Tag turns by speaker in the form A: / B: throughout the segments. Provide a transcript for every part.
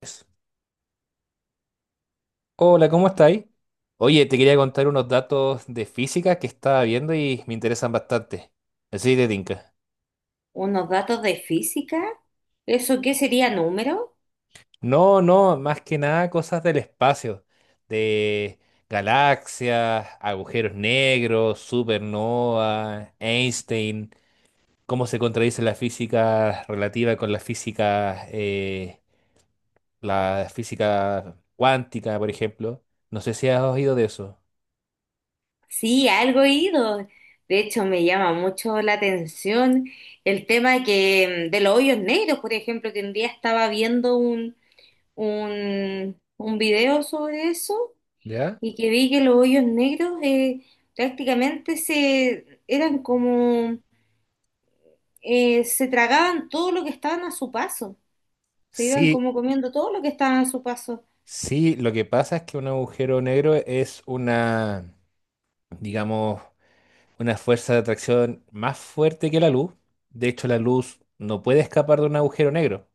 A: Pues, hola, ¿cómo estáis? Oye, te quería contar unos datos de física que estaba viendo y me interesan bastante. Así de tinca.
B: Unos datos de física. ¿Eso qué sería número?
A: No, no, más que nada cosas del espacio, de galaxias, agujeros negros, supernova, Einstein, cómo se contradice la física relativa con la física cuántica, por ejemplo. No sé si has oído de eso.
B: Sí, algo he ido. De hecho, me llama mucho la atención el tema de los hoyos negros, por ejemplo, que un día estaba viendo un video sobre eso
A: ¿Ya?
B: y que vi que los hoyos negros prácticamente se eran como se tragaban todo lo que estaban a su paso. Se iban
A: Sí.
B: como comiendo todo lo que estaban a su paso.
A: Sí, lo que pasa es que un agujero negro es una, digamos, una fuerza de atracción más fuerte que la luz. De hecho, la luz no puede escapar de un agujero negro.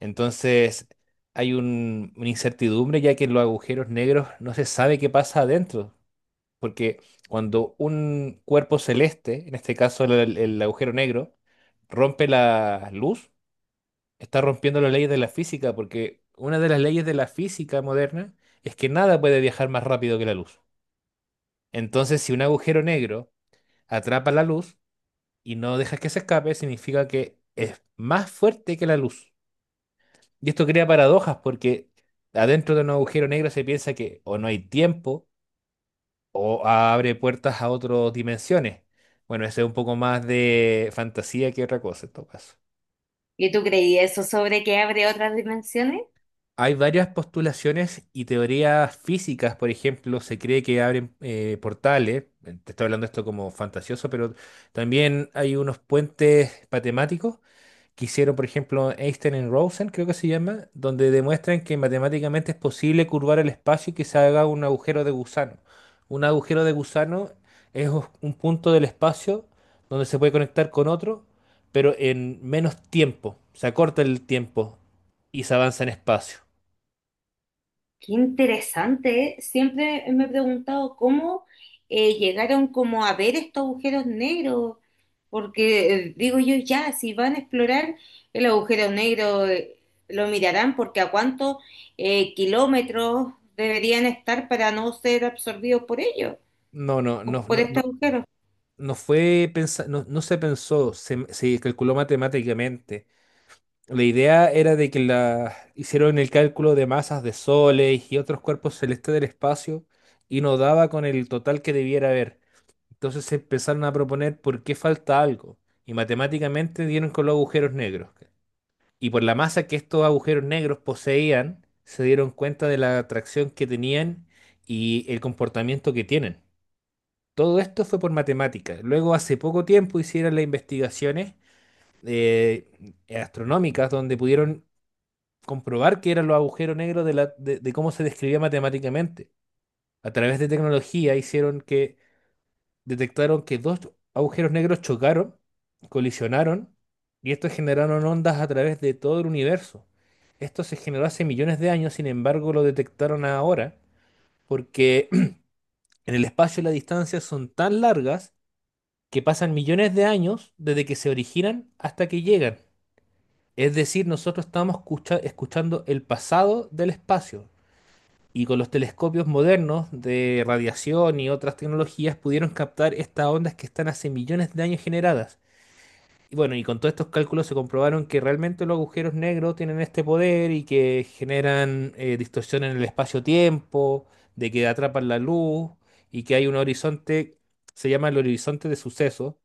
A: Entonces, hay una incertidumbre ya que en los agujeros negros no se sabe qué pasa adentro. Porque cuando un cuerpo celeste, en este caso el agujero negro, rompe la luz, está rompiendo las leyes de la física, porque una de las leyes de la física moderna es que nada puede viajar más rápido que la luz. Entonces, si un agujero negro atrapa la luz y no dejas que se escape, significa que es más fuerte que la luz. Y esto crea paradojas porque adentro de un agujero negro se piensa que o no hay tiempo o abre puertas a otras dimensiones. Bueno, eso es un poco más de fantasía que otra cosa en todo caso.
B: ¿Y tú creías eso sobre que abre otras dimensiones?
A: Hay varias postulaciones y teorías físicas, por ejemplo, se cree que abren portales, te estoy hablando esto como fantasioso, pero también hay unos puentes matemáticos que hicieron, por ejemplo, Einstein y Rosen, creo que se llama, donde demuestran que matemáticamente es posible curvar el espacio y que se haga un agujero de gusano. Un agujero de gusano es un punto del espacio donde se puede conectar con otro, pero en menos tiempo, se acorta el tiempo y se avanza en espacio.
B: Qué interesante, ¿eh? Siempre me he preguntado cómo llegaron como a ver estos agujeros negros, porque digo yo, ya, si van a explorar el agujero negro, lo mirarán porque a cuántos kilómetros deberían estar para no ser absorbidos por ellos,
A: No, no, no,
B: por
A: no,
B: este
A: no,
B: agujero.
A: no, se pensó, se calculó matemáticamente. La idea era de que hicieron el cálculo de masas de soles y otros cuerpos celestes del espacio y no daba con el total que debiera haber. Entonces se empezaron a proponer por qué falta algo. Y matemáticamente dieron con los agujeros negros. Y por la masa que estos agujeros negros poseían, se dieron cuenta de la atracción que tenían y el comportamiento que tienen. Todo esto fue por matemáticas. Luego, hace poco tiempo, hicieron las investigaciones eh, astronómicas donde pudieron comprobar que eran los agujeros negros de cómo se describía matemáticamente. A través de tecnología hicieron que detectaron que dos agujeros negros chocaron, colisionaron, y estos generaron ondas a través de todo el universo. Esto se generó hace millones de años, sin embargo, lo detectaron ahora porque en el espacio las distancias son tan largas que pasan millones de años desde que se originan hasta que llegan. Es decir, nosotros estamos escuchando el pasado del espacio. Y con los telescopios modernos de radiación y otras tecnologías pudieron captar estas ondas que están hace millones de años generadas. Y bueno, y con todos estos cálculos se comprobaron que realmente los agujeros negros tienen este poder y que generan distorsión en el espacio-tiempo, de que atrapan la luz y que hay un horizonte, se llama el horizonte de suceso,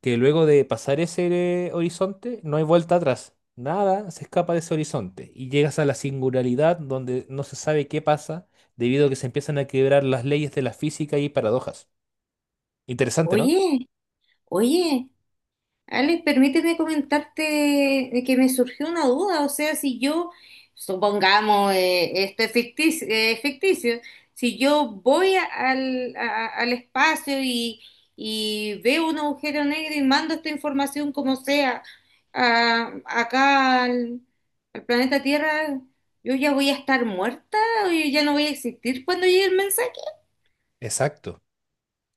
A: que luego de pasar ese horizonte no hay vuelta atrás. Nada se escapa de ese horizonte y llegas a la singularidad donde no se sabe qué pasa debido a que se empiezan a quebrar las leyes de la física y paradojas. Interesante, ¿no?
B: Oye, oye. Alex, permíteme comentarte que me surgió una duda, o sea, si yo, supongamos, esto es ficticio, ficticio, si yo voy a- al espacio y veo un agujero negro y mando esta información como sea acá al, al planeta Tierra, ¿yo ya voy a estar muerta o yo ya no voy a existir cuando llegue el mensaje?
A: Exacto.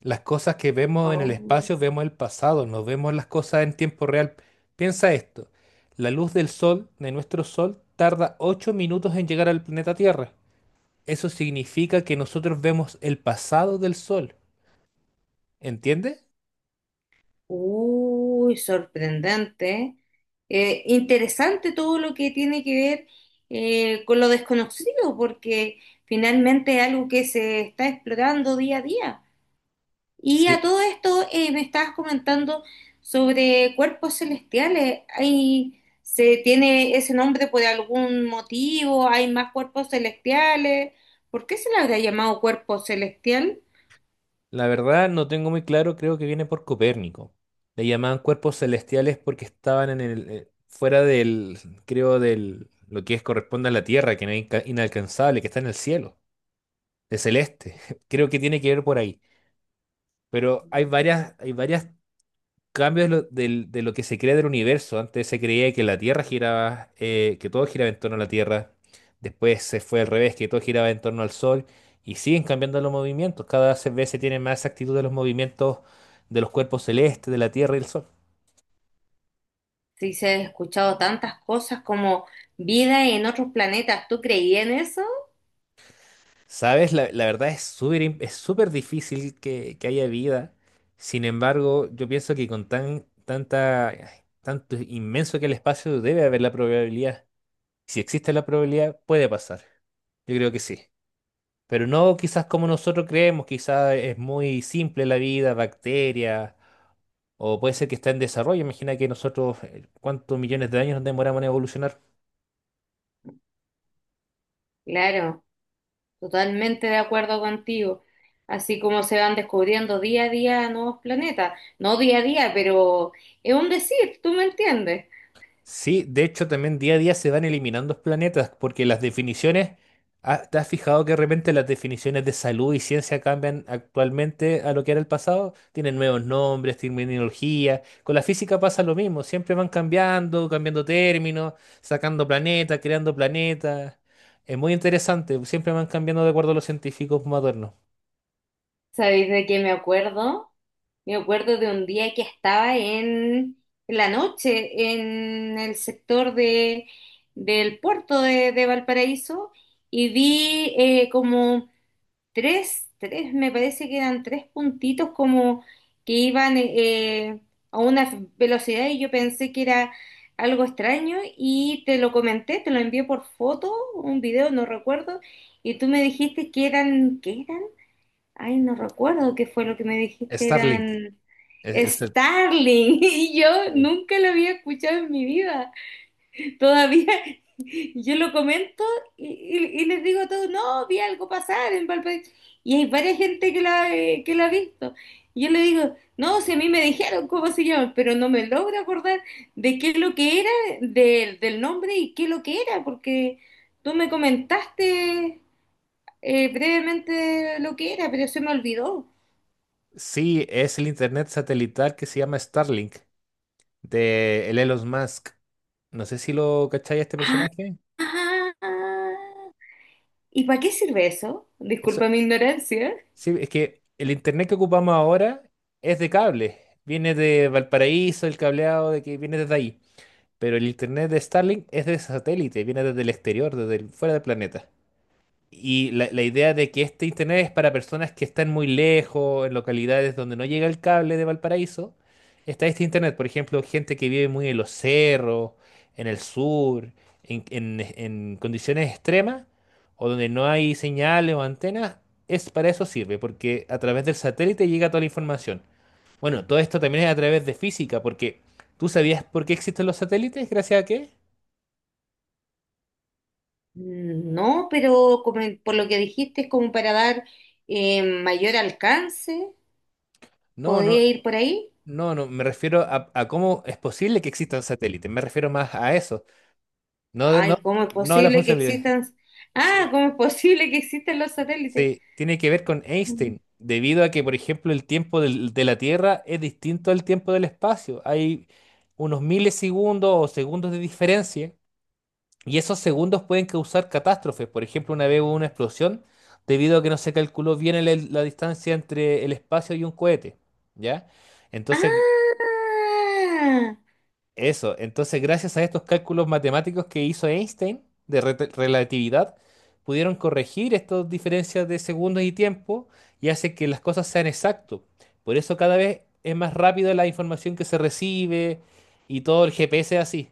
A: Las cosas que vemos en el
B: Oh.
A: espacio, vemos el pasado, no vemos las cosas en tiempo real. Piensa esto. La luz del sol, de nuestro sol, tarda 8 minutos en llegar al planeta Tierra. Eso significa que nosotros vemos el pasado del sol. Entiende.
B: Uy, sorprendente. Interesante todo lo que tiene que ver con lo desconocido, porque finalmente es algo que se está explorando día a día. Y a todo esto me estabas comentando sobre cuerpos celestiales. ¿Hay, se tiene ese nombre por algún motivo? ¿Hay más cuerpos celestiales? ¿Por qué se le habría llamado cuerpo celestial?
A: La verdad no tengo muy claro, creo que viene por Copérnico. Le llamaban cuerpos celestiales porque estaban en fuera creo, lo que es corresponde a la Tierra, que no es inalcanzable, que está en el cielo, de celeste. Creo que tiene que ver por ahí. Pero hay varias cambios de lo que se crea del universo. Antes se creía que la Tierra giraba, que todo giraba en torno a la Tierra. Después se fue al revés, que todo giraba en torno al Sol. Y siguen cambiando los movimientos. Cada vez se tiene más actitud de los movimientos de los cuerpos celestes, de la Tierra y el Sol.
B: Sí, se ha escuchado tantas cosas como vida en otros planetas. ¿Tú creías en eso?
A: ¿Sabes? La verdad es es súper difícil que haya vida. Sin embargo, yo pienso que con tanta, tanto inmenso que el espacio debe haber la probabilidad. Si existe la probabilidad, puede pasar. Yo creo que sí. Pero no quizás como nosotros creemos, quizás es muy simple la vida, bacterias, o puede ser que está en desarrollo. Imagina que nosotros, ¿cuántos millones de años nos demoramos en evolucionar?
B: Claro, totalmente de acuerdo contigo. Así como se van descubriendo día a día nuevos planetas. No día a día, pero es un decir, ¿tú me entiendes?
A: Sí, de hecho también día a día se van eliminando planetas porque las definiciones, ah, ¿te has fijado que de repente las definiciones de salud y ciencia cambian actualmente a lo que era el pasado? Tienen nuevos nombres, terminología. Con la física pasa lo mismo, siempre van cambiando, cambiando términos, sacando planetas, creando planetas. Es muy interesante, siempre van cambiando de acuerdo a los científicos modernos.
B: ¿Sabéis de qué me acuerdo? Me acuerdo de un día que estaba en la noche en el sector de, del puerto de Valparaíso y vi como me parece que eran tres puntitos como que iban a una velocidad y yo pensé que era algo extraño y te lo comenté, te lo envié por foto, un video, no recuerdo, y tú me dijiste que eran, ¿qué eran? Ay, no recuerdo qué fue lo que me dijiste,
A: Starlink.
B: eran
A: Es el
B: Starling y yo
A: Sí.
B: nunca lo había escuchado en mi vida. Todavía yo lo comento y les digo a todos, no, vi algo pasar en Valparaíso. Y hay varias gente que la ha visto. Y yo le digo, no, si a mí me dijeron cómo se llama, pero no me logro acordar de qué es lo que era, del nombre y qué es lo que era, porque tú me comentaste brevemente lo que era, pero se me olvidó.
A: Sí, es el internet satelital que se llama Starlink, de el Elon Musk. No sé si lo cacháis a este personaje.
B: Ah, ¿y para qué sirve eso?
A: Eso,
B: Disculpa mi ignorancia.
A: sí, es que el internet que ocupamos ahora es de cable. Viene de Valparaíso, el cableado de que viene desde ahí. Pero el internet de Starlink es de satélite, viene desde el exterior, desde fuera del planeta. Y la idea de que este internet es para personas que están muy lejos, en localidades donde no llega el cable de Valparaíso, está este internet. Por ejemplo, gente que vive muy en los cerros, en el sur, en condiciones extremas, o donde no hay señales o antenas, es para eso sirve, porque a través del satélite llega toda la información. Bueno, todo esto también es a través de física, porque ¿tú sabías por qué existen los satélites? ¿Gracias a qué?
B: No, pero como por lo que dijiste, es como para dar mayor alcance.
A: No, no.
B: ¿Podría ir por ahí?
A: No, no, me refiero a cómo es posible que exista un satélite. Me refiero más a eso. No, de- no,
B: Ay, ¿cómo es
A: no a la
B: posible que
A: funcionalidad.
B: existan? Ah,
A: Sí,
B: ¿cómo es posible que existan los satélites?
A: sí, tiene que ver con
B: Mm.
A: Einstein, debido a que, por ejemplo, el tiempo de la Tierra es distinto al tiempo del espacio. Hay unos milisegundos o segundos de diferencia, y esos segundos pueden causar catástrofes. Por ejemplo, una vez hubo una explosión debido a que no se calculó bien la distancia entre el espacio y un cohete. ¿Ya? Entonces,
B: Ah,
A: eso, entonces gracias a estos cálculos matemáticos que hizo Einstein de relatividad, pudieron corregir estas diferencias de segundos y tiempo y hace que las cosas sean exactas. Por eso cada vez es más rápido la información que se recibe y todo el GPS es así.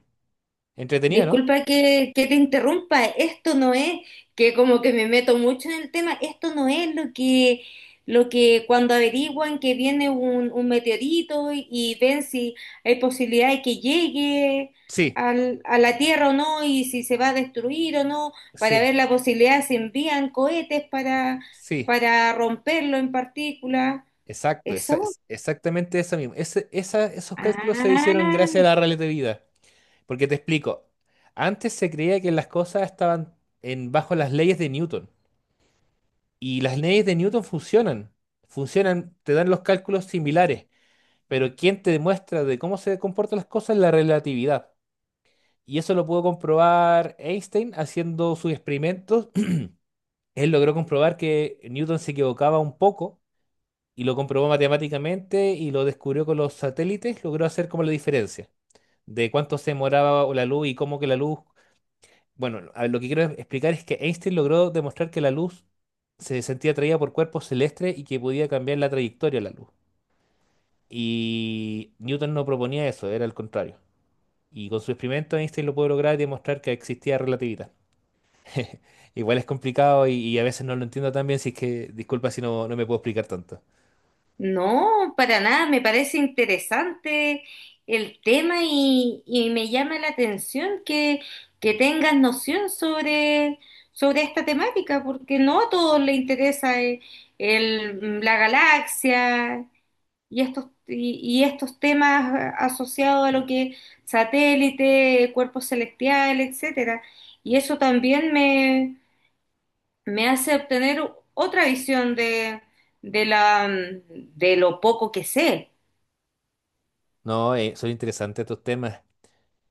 A: Entretenido, ¿no?
B: disculpa que te interrumpa, esto no es que como que me meto mucho en el tema, esto no es lo que cuando averiguan que viene un meteorito y ven si hay posibilidad de que llegue
A: Sí,
B: a la Tierra o no y si se va a destruir o no, para
A: sí,
B: ver la posibilidad si envían cohetes
A: sí,
B: para romperlo en partículas,
A: exacto,
B: ¿eso?
A: exactamente eso mismo. Esos cálculos se hicieron gracias
B: Ah.
A: a la relatividad. Porque te explico, antes se creía que las cosas estaban en, bajo las leyes de Newton. Y las leyes de Newton funcionan, funcionan, te dan los cálculos similares, pero quien te demuestra de cómo se comportan las cosas es la relatividad. Y eso lo pudo comprobar Einstein haciendo sus experimentos. Él logró comprobar que Newton se equivocaba un poco y lo comprobó matemáticamente y lo descubrió con los satélites, logró hacer como la diferencia de cuánto se demoraba la luz y cómo que la luz... Bueno, a ver, lo que quiero explicar es que Einstein logró demostrar que la luz se sentía atraída por cuerpos celestes y que podía cambiar la trayectoria de la luz. Y Newton no proponía eso, era el contrario. Y con su experimento Einstein lo pudo lograr y demostrar que existía relatividad. Igual es complicado y a veces no lo entiendo tan bien, si es que disculpa si no, no me puedo explicar tanto.
B: No, para nada, me parece interesante el tema y me llama la atención que tengas noción sobre, sobre esta temática, porque no a todos les interesa la galaxia y estos temas asociados a lo que satélite, cuerpos celestiales, etcétera. Y eso también me hace obtener otra visión de la, de lo poco que sé.
A: No, son interesantes estos temas.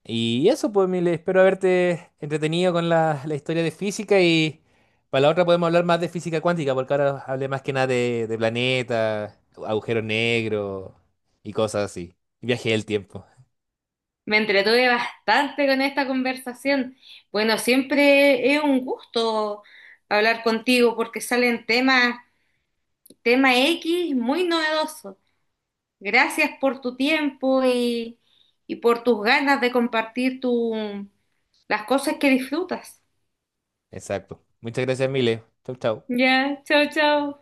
A: Y eso, pues, Mile, espero haberte entretenido con la historia de física y para la otra podemos hablar más de física cuántica, porque ahora hablé más que nada de planetas, agujeros negros y cosas así. Y viaje del tiempo.
B: Me entretuve bastante con esta conversación. Bueno, siempre es un gusto hablar contigo porque salen temas, tema X muy novedosos. Gracias por tu tiempo y por tus ganas de compartir tu, las cosas que disfrutas.
A: Exacto. Muchas gracias, Mile. Chau, chau.
B: Ya, chao, chao.